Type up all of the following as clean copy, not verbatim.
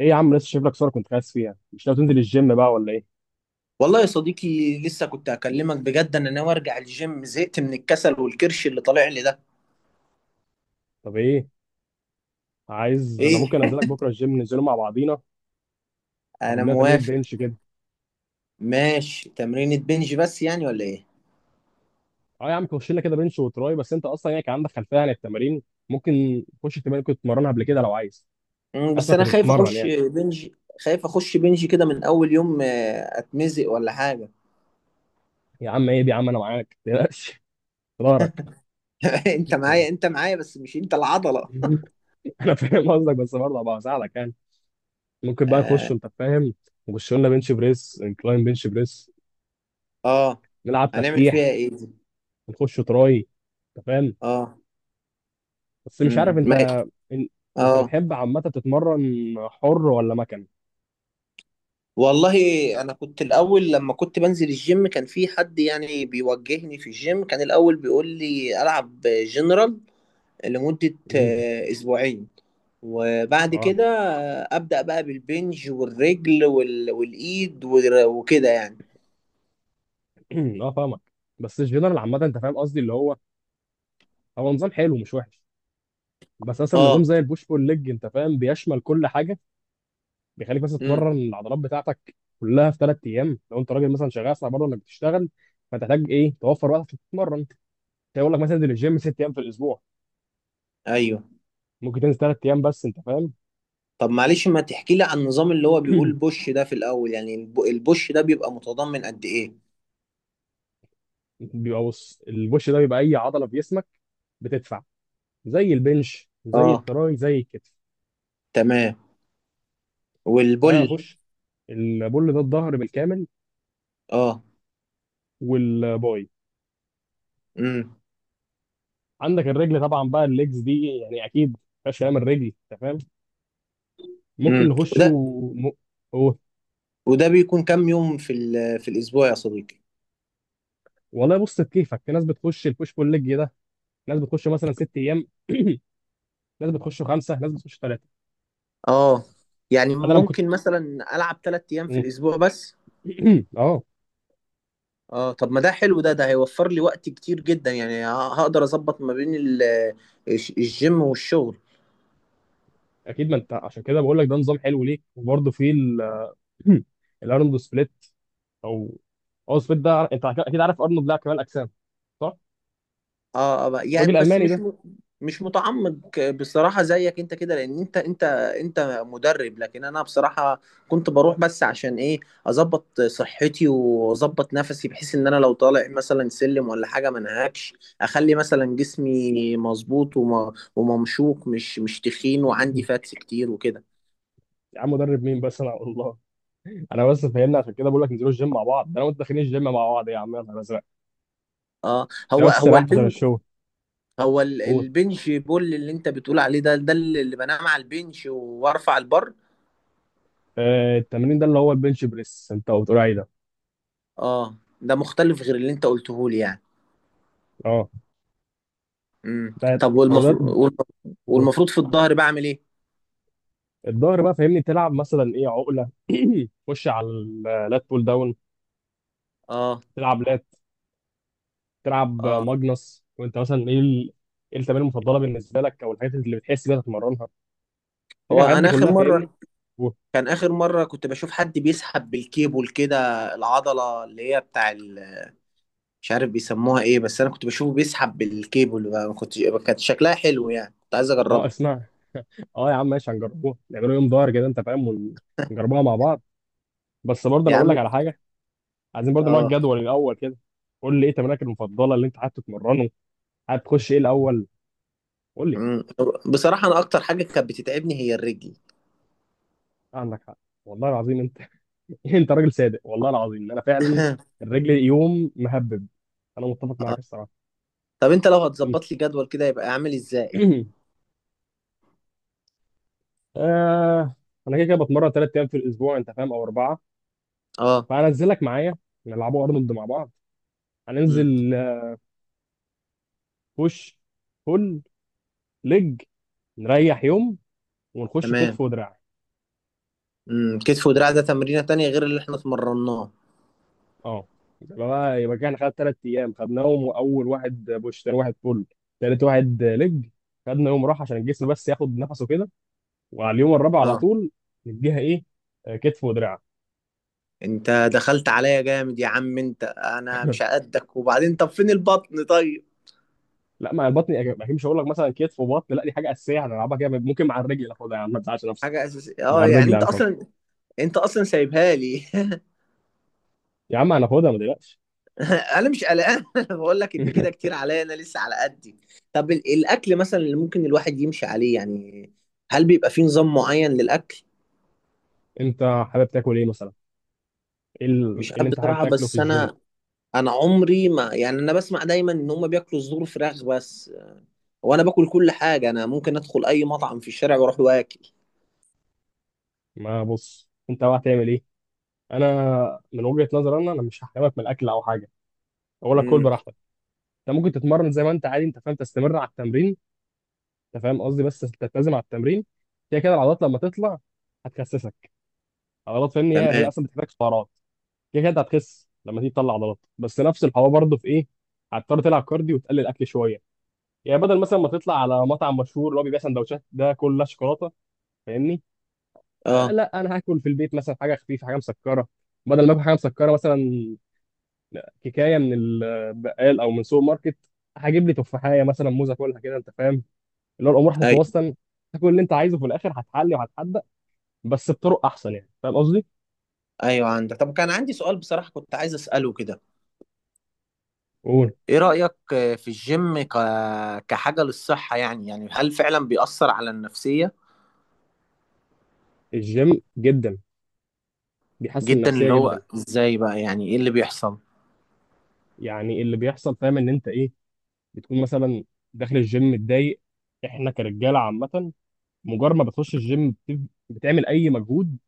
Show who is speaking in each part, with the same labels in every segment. Speaker 1: ايه يا عم، لسه شايف لك صوره كنت خايف فيها؟ مش ناوي تنزل الجيم بقى ولا ايه؟
Speaker 2: والله يا صديقي، لسه كنت اكلمك بجد. انا ناوي ارجع الجيم، زهقت من الكسل والكرش اللي طالع لي ده.
Speaker 1: طب ايه؟ عايز، انا
Speaker 2: ايه.
Speaker 1: ممكن انزلك بكره الجيم ننزله مع بعضينا. تاخد
Speaker 2: انا
Speaker 1: لنا تمرين
Speaker 2: موافق.
Speaker 1: بنش كده.
Speaker 2: ماشي، تمرينة بنج بس يعني ولا ايه؟
Speaker 1: اه يا عم، خش لنا كده بنش وتراي. بس انت اصلا يعني كان عندك خلفيه عن التمارين؟ ممكن تخش التمارين كنت بتتمرنها قبل كده لو عايز.
Speaker 2: بس
Speaker 1: اصلا
Speaker 2: انا
Speaker 1: كنت
Speaker 2: خايف
Speaker 1: بتتمرن
Speaker 2: اخش
Speaker 1: يعني.
Speaker 2: بنج. خايف اخش بنج كده من اول يوم، اتمزق ولا حاجة.
Speaker 1: يا عم ايه دي؟ يا عم انا معاك، ما تقلقش في ظهرك.
Speaker 2: انت معايا انت معايا بس مش انت العضلة.
Speaker 1: انا فاهم قصدك، بس برضه هبقى اساعدك يعني. ممكن بقى نخش؟
Speaker 2: اه.
Speaker 1: انت فاهم. نخش لنا بنش بريس، انكلاين بنش بريس.
Speaker 2: آه.
Speaker 1: نلعب
Speaker 2: هنعمل فيها
Speaker 1: تفتيح.
Speaker 2: ايه دي؟
Speaker 1: نخش تراي. انت فاهم
Speaker 2: اه.
Speaker 1: بس مش عارف
Speaker 2: امم ما-
Speaker 1: انت. إن... انت
Speaker 2: اه.
Speaker 1: بتحب عامه تتمرن حر ولا مكن؟
Speaker 2: والله، انا كنت الاول لما كنت بنزل الجيم كان في حد يعني بيوجهني في الجيم، كان الاول بيقول لي العب جنرال لمدة
Speaker 1: امم.
Speaker 2: اسبوعين. وبعد
Speaker 1: اه.
Speaker 2: كده ابدا بقى بالبنج والرجل والايد وكده يعني.
Speaker 1: اه فاهمك. بس الجنرال عامه انت فاهم قصدي اللي هو نظام حلو، مش وحش. بس مثلا نظام
Speaker 2: اه.
Speaker 1: زي البوش بول ليج انت فاهم بيشمل كل حاجه. بيخليك مثلا
Speaker 2: امم
Speaker 1: تتمرن العضلات بتاعتك كلها في 3 ايام. لو انت راجل مثلا شغال، صعب برضه انك بتشتغل، فتحتاج ايه توفر وقت عشان تتمرن. هيقول لك مثلا انزل الجيم 6 ايام في الاسبوع.
Speaker 2: ايوه.
Speaker 1: ممكن تنزل 3 ايام بس، انت فاهم.
Speaker 2: طب، معلش ما تحكي لي عن النظام اللي هو بيقول بوش ده في الاول. يعني البوش ده بيبقى متضمن قد ايه؟
Speaker 1: بيبقى، بص البوش ده بيبقى اي عضله في جسمك بتدفع، زي البنش زي
Speaker 2: اه،
Speaker 1: التراي زي الكتف.
Speaker 2: تمام.
Speaker 1: فانا
Speaker 2: والبل.
Speaker 1: هخش البول ده الظهر بالكامل
Speaker 2: اه.
Speaker 1: والباي.
Speaker 2: امم
Speaker 1: عندك الرجل طبعا بقى الليجز دي، يعني اكيد مفيهاش كلام الرجل، انت فاهم. ممكن
Speaker 2: وده.
Speaker 1: م... و...
Speaker 2: وده بيكون كام يوم في الاسبوع يا صديقي؟
Speaker 1: والله بص، بكيفك. في ناس بتخش البوش بول ليج ده، ناس بتخش مثلا 6 ايام، ناس بتخش خمسه، ناس بتخش ثلاثه.
Speaker 2: اه، يعني
Speaker 1: انا لما كنت
Speaker 2: ممكن مثلا العب 3 ايام في الاسبوع بس.
Speaker 1: اه
Speaker 2: اه، طب ما ده حلو ده، ده هيوفر لي وقت كتير جدا يعني. هقدر اظبط ما بين الجيم والشغل.
Speaker 1: اكيد، ما انت عشان كده بقول لك ده نظام حلو ليك. وبرده في الارنولد سبليت، او او سبليت ده انت اكيد عارف ارنولد لاعب كمال اجسام، صح؟
Speaker 2: اه.
Speaker 1: الراجل
Speaker 2: يعني، بس
Speaker 1: الالماني ده.
Speaker 2: مش متعمق بصراحة زيك انت كده، لان انت مدرب. لكن انا بصراحة كنت بروح بس عشان ايه، اظبط صحتي واظبط نفسي بحيث ان انا لو طالع مثلا سلم ولا حاجة ما انهكش. اخلي مثلا جسمي مظبوط وممشوق، مش تخين، وعندي فاتس كتير وكده.
Speaker 1: يا عم مدرب مين؟ بس انا والله، انا بس فاهمني عشان كده بقول لك انزلوا الجيم مع بعض. ده انا وانت داخلين الجيم مع بعض، يا عم يا نهار ازرق.
Speaker 2: اه،
Speaker 1: انت
Speaker 2: هو
Speaker 1: بس
Speaker 2: هو
Speaker 1: ريحت عشان
Speaker 2: البنج.
Speaker 1: الشغل.
Speaker 2: هو
Speaker 1: قول.
Speaker 2: البنج بول اللي انت بتقول عليه ده، ده اللي بنام على البنج وارفع البر.
Speaker 1: آه التمرين ده اللي هو البنش بريس انت بتقول عليه ده.
Speaker 2: اه، ده مختلف غير اللي انت قلته لي يعني.
Speaker 1: اه ده
Speaker 2: طب،
Speaker 1: هو ده.
Speaker 2: والمفروض.
Speaker 1: قول.
Speaker 2: والمفروض في الظهر بعمل ايه؟
Speaker 1: الظهر بقى فاهمني، تلعب مثلا ايه، عقله، خش على اللات بول داون،
Speaker 2: اه.
Speaker 1: تلعب لات، تلعب
Speaker 2: اه،
Speaker 1: ماجنس. وانت مثلا ايه ايه التمارين المفضله بالنسبه لك، او الحاجات اللي بتحس بيها تتمرنها، تيجي
Speaker 2: هو
Speaker 1: الحاجات دي
Speaker 2: انا اخر
Speaker 1: كلها فاهمني.
Speaker 2: مره.
Speaker 1: قول.
Speaker 2: كان اخر مره كنت بشوف حد بيسحب بالكيبل كده، العضله اللي هي بتاع مش عارف بيسموها ايه، بس انا كنت بشوفه بيسحب بالكيبل بقى، ما كنت. كانت شكلها حلو يعني كنت عايز
Speaker 1: اه
Speaker 2: اجربها.
Speaker 1: اسمع، اه يا عم ماشي، هنجربوها، نعملوا يوم ظهر كده انت فاهم، ونجربوها مع بعض. بس برضه
Speaker 2: يا
Speaker 1: انا اقول لك
Speaker 2: عم.
Speaker 1: على حاجه، عايزين برضه نوع
Speaker 2: اه.
Speaker 1: الجدول الاول كده. قول لي ايه تمرينك المفضله اللي انت حابب تتمرنه؟ حابب تخش ايه الاول؟ قول لي.
Speaker 2: امم بصراحه، انا اكتر حاجه كانت بتتعبني هي الرجل.
Speaker 1: عندك حق والله العظيم انت، انت راجل صادق والله العظيم، انا فعلا الرجل يوم مهبب، انا متفق معاك
Speaker 2: اه،
Speaker 1: الصراحه.
Speaker 2: طب انت لو
Speaker 1: يوم س-
Speaker 2: هتظبط لي جدول كده يبقى عامل ازاي؟
Speaker 1: آه انا كده كده بتمرن 3 ايام في الاسبوع انت فاهم، او اربعه.
Speaker 2: اه.
Speaker 1: فهنزلك معايا، نلعبوا ارنولد مع بعض.
Speaker 2: امم
Speaker 1: هننزل بوش، بول، ليج، نريح يوم، ونخش
Speaker 2: تمام.
Speaker 1: كتف ودراع.
Speaker 2: كتف ودراع ده تمرينة تانية غير اللي احنا اتمرناه؟
Speaker 1: اه يبقى بقى يبقى كان خد 3 ايام خدناهم، واول واحد بوش، ثاني واحد بول، ثالث واحد لج، خدنا يوم راحه عشان الجسم بس ياخد نفسه كده. وعلى اليوم الرابع على
Speaker 2: اه،
Speaker 1: طول نديها ايه؟ كتف ودراع.
Speaker 2: انت دخلت عليا جامد يا عم. انت انا مش هقدك، وبعدين طب فين البطن طيب؟
Speaker 1: لا، ما البطن اكيد مش هقول لك مثلا كتف وبطن، لا دي حاجه اساسيه هنلعبها كده، ممكن مع الرجل ناخدها. يا عم ما تزعلش نفسك،
Speaker 2: حاجة اساسية.
Speaker 1: مع
Speaker 2: اه يعني،
Speaker 1: الرجل
Speaker 2: انت
Speaker 1: هناخدها
Speaker 2: اصلا انت اصلا سايبها لي.
Speaker 1: يا عم، هناخدها ما تقلقش.
Speaker 2: انا مش قلقان. بقول لك ان كده كتير عليا، انا لسه على قدي. طب، الاكل مثلا اللي ممكن الواحد يمشي عليه يعني، هل بيبقى فيه نظام معين للاكل؟
Speaker 1: انت حابب تاكل ايه مثلا؟ ايه إيه
Speaker 2: مش عارف
Speaker 1: اللي انت حابب
Speaker 2: بصراحة،
Speaker 1: تاكله في
Speaker 2: بس
Speaker 1: الجيم؟
Speaker 2: انا عمري ما يعني، انا بسمع دايما ان هم بياكلوا صدور فراخ بس. وانا باكل كل حاجه، انا ممكن ادخل اي مطعم في الشارع واروح واكل.
Speaker 1: ما بص انت بقى هتعمل ايه. انا من وجهه نظري انا مش هحرمك من الاكل او حاجه، اقول لك كل
Speaker 2: امم
Speaker 1: براحتك. انت ممكن تتمرن زي ما انت عادي، انت فاهم، تستمر على التمرين. انت فاهم قصدي بس تلتزم على التمرين. كده كده العضلات لما تطلع هتخسسك، عضلات فاهمني هي
Speaker 2: تمام.
Speaker 1: اصلا بتحتاج سعرات. كده كده انت هتخس لما تيجي تطلع عضلات، بس نفس الحوار برضه في ايه، هتضطر تلعب كارديو وتقلل اكل شويه. يعني بدل مثلا ما تطلع على مطعم مشهور اللي هو بيبيع سندوتشات ده كلها شوكولاته، فاهمني،
Speaker 2: اه،
Speaker 1: لا انا هاكل في البيت مثلا حاجه خفيفه، حاجه مسكره. بدل ما اكل حاجه مسكره مثلا كيكايه من البقال او من سوبر ماركت، هجيب لي تفاحيه مثلا، موزه، كلها كده انت فاهم. اللي هو الامور
Speaker 2: ايوه،
Speaker 1: هتتوسط، كل اللي انت عايزه في الاخر هتحلي وهتحدق بس بطرق احسن، يعني فاهم قصدي؟
Speaker 2: ايوه، عندك. طب، كان عندي سؤال بصراحه كنت عايز اساله كده.
Speaker 1: قول.
Speaker 2: ايه رايك في الجيم كحاجه للصحه، يعني هل فعلا بيأثر على النفسيه؟
Speaker 1: الجيم جدا بيحسن
Speaker 2: جدا؟
Speaker 1: النفسيه
Speaker 2: اللي
Speaker 1: جدا.
Speaker 2: هو ازاي بقى، يعني ايه اللي بيحصل؟
Speaker 1: يعني اللي بيحصل فاهم ان انت ايه، بتكون مثلا داخل الجيم متضايق، احنا كرجاله عامه، مجرد ما بتخش الجيم بتعمل اي مجهود،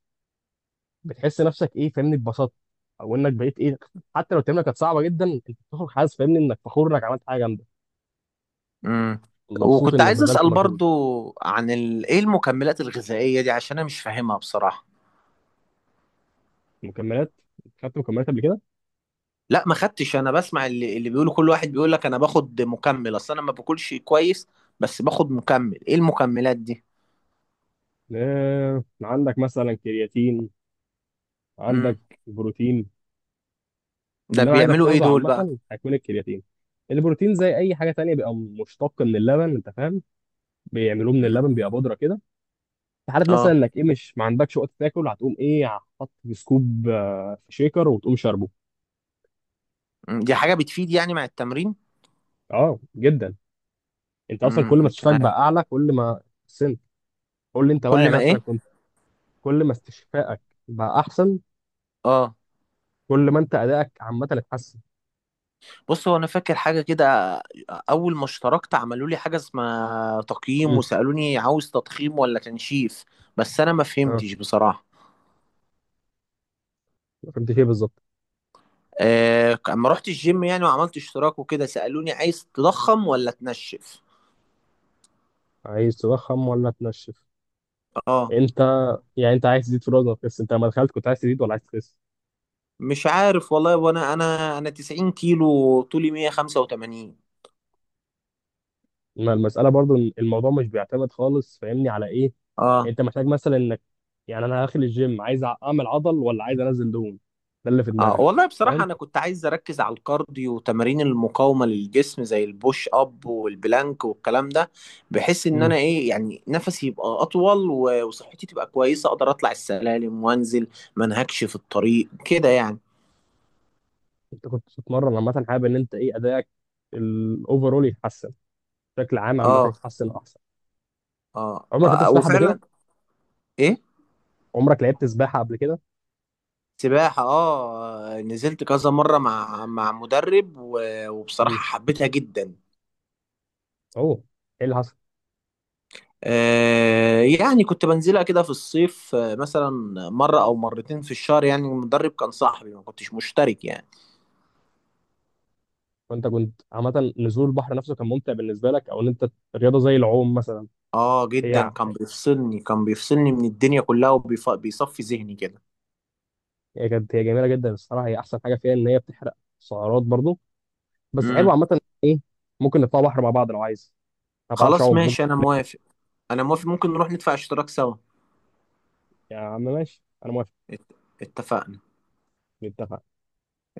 Speaker 1: بتحس نفسك ايه، فاهمني اتبسطت، او انك بقيت ايه، حتى لو التمرينه كانت صعبه جدا انت بتخرج حاسس فاهمني انك فخور انك عملت حاجه جامده،
Speaker 2: امم
Speaker 1: مبسوط
Speaker 2: وكنت
Speaker 1: انك
Speaker 2: عايز
Speaker 1: بذلت
Speaker 2: اسال
Speaker 1: مجهود.
Speaker 2: برضو عن ايه المكملات الغذائيه دي، عشان انا مش فاهمها بصراحه.
Speaker 1: مكملات. خدت مكملات قبل كده؟
Speaker 2: لا، ما خدتش. انا بسمع اللي بيقولوا، كل واحد بيقول لك انا باخد مكمل اصل انا ما باكلش كويس، بس باخد مكمل. ايه المكملات دي؟
Speaker 1: عندك مثلا كرياتين، عندك
Speaker 2: امم
Speaker 1: بروتين.
Speaker 2: ده
Speaker 1: اللي انا عايزك
Speaker 2: بيعملوا ايه
Speaker 1: تاخده
Speaker 2: دول بقى؟
Speaker 1: عامه هيكون الكرياتين. البروتين زي اي حاجه تانية بيبقى مشتق من اللبن انت فاهم، بيعملوه من
Speaker 2: امم
Speaker 1: اللبن بيبقى بودره كده. في حاله مثلا
Speaker 2: اه.
Speaker 1: انك ايه مش ما عندكش وقت تاكل، هتقوم ايه، حاط في سكوب في شيكر وتقوم شاربه.
Speaker 2: مم. دي حاجة بتفيد يعني مع التمرين؟
Speaker 1: اه جدا، انت اصلا كل ما
Speaker 2: مش
Speaker 1: استشفاك بقى
Speaker 2: عارف.
Speaker 1: اعلى، كل ما سنت. قول لي انت بقى
Speaker 2: كل
Speaker 1: يعني
Speaker 2: ما
Speaker 1: مثلا
Speaker 2: ايه؟
Speaker 1: كنت. كل ما استشفائك بقى احسن،
Speaker 2: اه،
Speaker 1: كل ما انت ادائك عامه اتحسن.
Speaker 2: بص، هو انا فاكر حاجة كده. اول ما اشتركت عملوا لي حاجة اسمها تقييم
Speaker 1: امم.
Speaker 2: وسألوني عاوز تضخيم ولا تنشيف، بس انا ما
Speaker 1: اه.
Speaker 2: فهمتش بصراحة.
Speaker 1: فهمت ايه بالظبط؟
Speaker 2: اما رحت الجيم يعني وعملت اشتراك وكده، سألوني عايز تضخم ولا تنشف.
Speaker 1: عايز تضخم ولا تنشف؟
Speaker 2: اه،
Speaker 1: انت يعني انت عايز تزيد في الوزن ولا تخس؟ انت لما دخلت كنت عايز تزيد ولا عايز تخس؟
Speaker 2: مش عارف والله. وانا انا انا 90 كيلو، طولي 185.
Speaker 1: ما المساله برضو إن الموضوع مش بيعتمد خالص فاهمني على ايه.
Speaker 2: اه،
Speaker 1: انت محتاج مثلا انك، يعني انا داخل الجيم عايز اعمل عضل ولا عايز انزل دهون، ده اللي في
Speaker 2: اه،
Speaker 1: دماغك
Speaker 2: والله بصراحة
Speaker 1: فاهم.
Speaker 2: انا كنت عايز اركز على الكارديو وتمارين المقاومة للجسم، زي البوش اب والبلانك والكلام ده. بحيث ان انا
Speaker 1: مم.
Speaker 2: ايه يعني، نفسي يبقى اطول وصحتي تبقى كويسة، اقدر اطلع السلالم وانزل ما انهكش في الطريق كده يعني.
Speaker 1: انت كنت بتتمرن عامه، حابب ان انت ايه ادائك الاوفرول يتحسن، بشكل عام عامه
Speaker 2: اه،
Speaker 1: يتحسن احسن.
Speaker 2: اه.
Speaker 1: عمرك لعبت سباحه قبل
Speaker 2: وفعلا.
Speaker 1: كده؟
Speaker 2: ايه؟
Speaker 1: عمرك لعبت سباحه قبل كده؟
Speaker 2: سباحة. اه، نزلت كذا مرة مع مدرب،
Speaker 1: امم.
Speaker 2: وبصراحة حبيتها جدا.
Speaker 1: اوه، ايه اللي حصل؟
Speaker 2: يعني كنت بنزلها كده في الصيف، مثلا مرة أو مرتين في الشهر. يعني المدرب كان صاحبي، ما كنتش مشترك يعني.
Speaker 1: وانت كنت عامه نزول البحر نفسه كان ممتع بالنسبه لك، او ان انت رياضه زي العوم مثلا.
Speaker 2: اه،
Speaker 1: هي
Speaker 2: جدا.
Speaker 1: ع-
Speaker 2: كان بيفصلني من الدنيا كلها، وبيصفي ذهني كده.
Speaker 1: هي كانت، هي جميله جدا الصراحه، هي احسن حاجه فيها ان هي بتحرق سعرات برضو، بس حلو
Speaker 2: امم
Speaker 1: عامه ايه. ممكن نطلع بحر مع بعض لو عايز. ما بعرفش
Speaker 2: خلاص،
Speaker 1: اعوم، ممكن.
Speaker 2: ماشي، أنا موافق. أنا موافق، ممكن نروح ندفع اشتراك سوا.
Speaker 1: يا عم ماشي انا موافق.
Speaker 2: ات- اتفقنا.
Speaker 1: نتفق.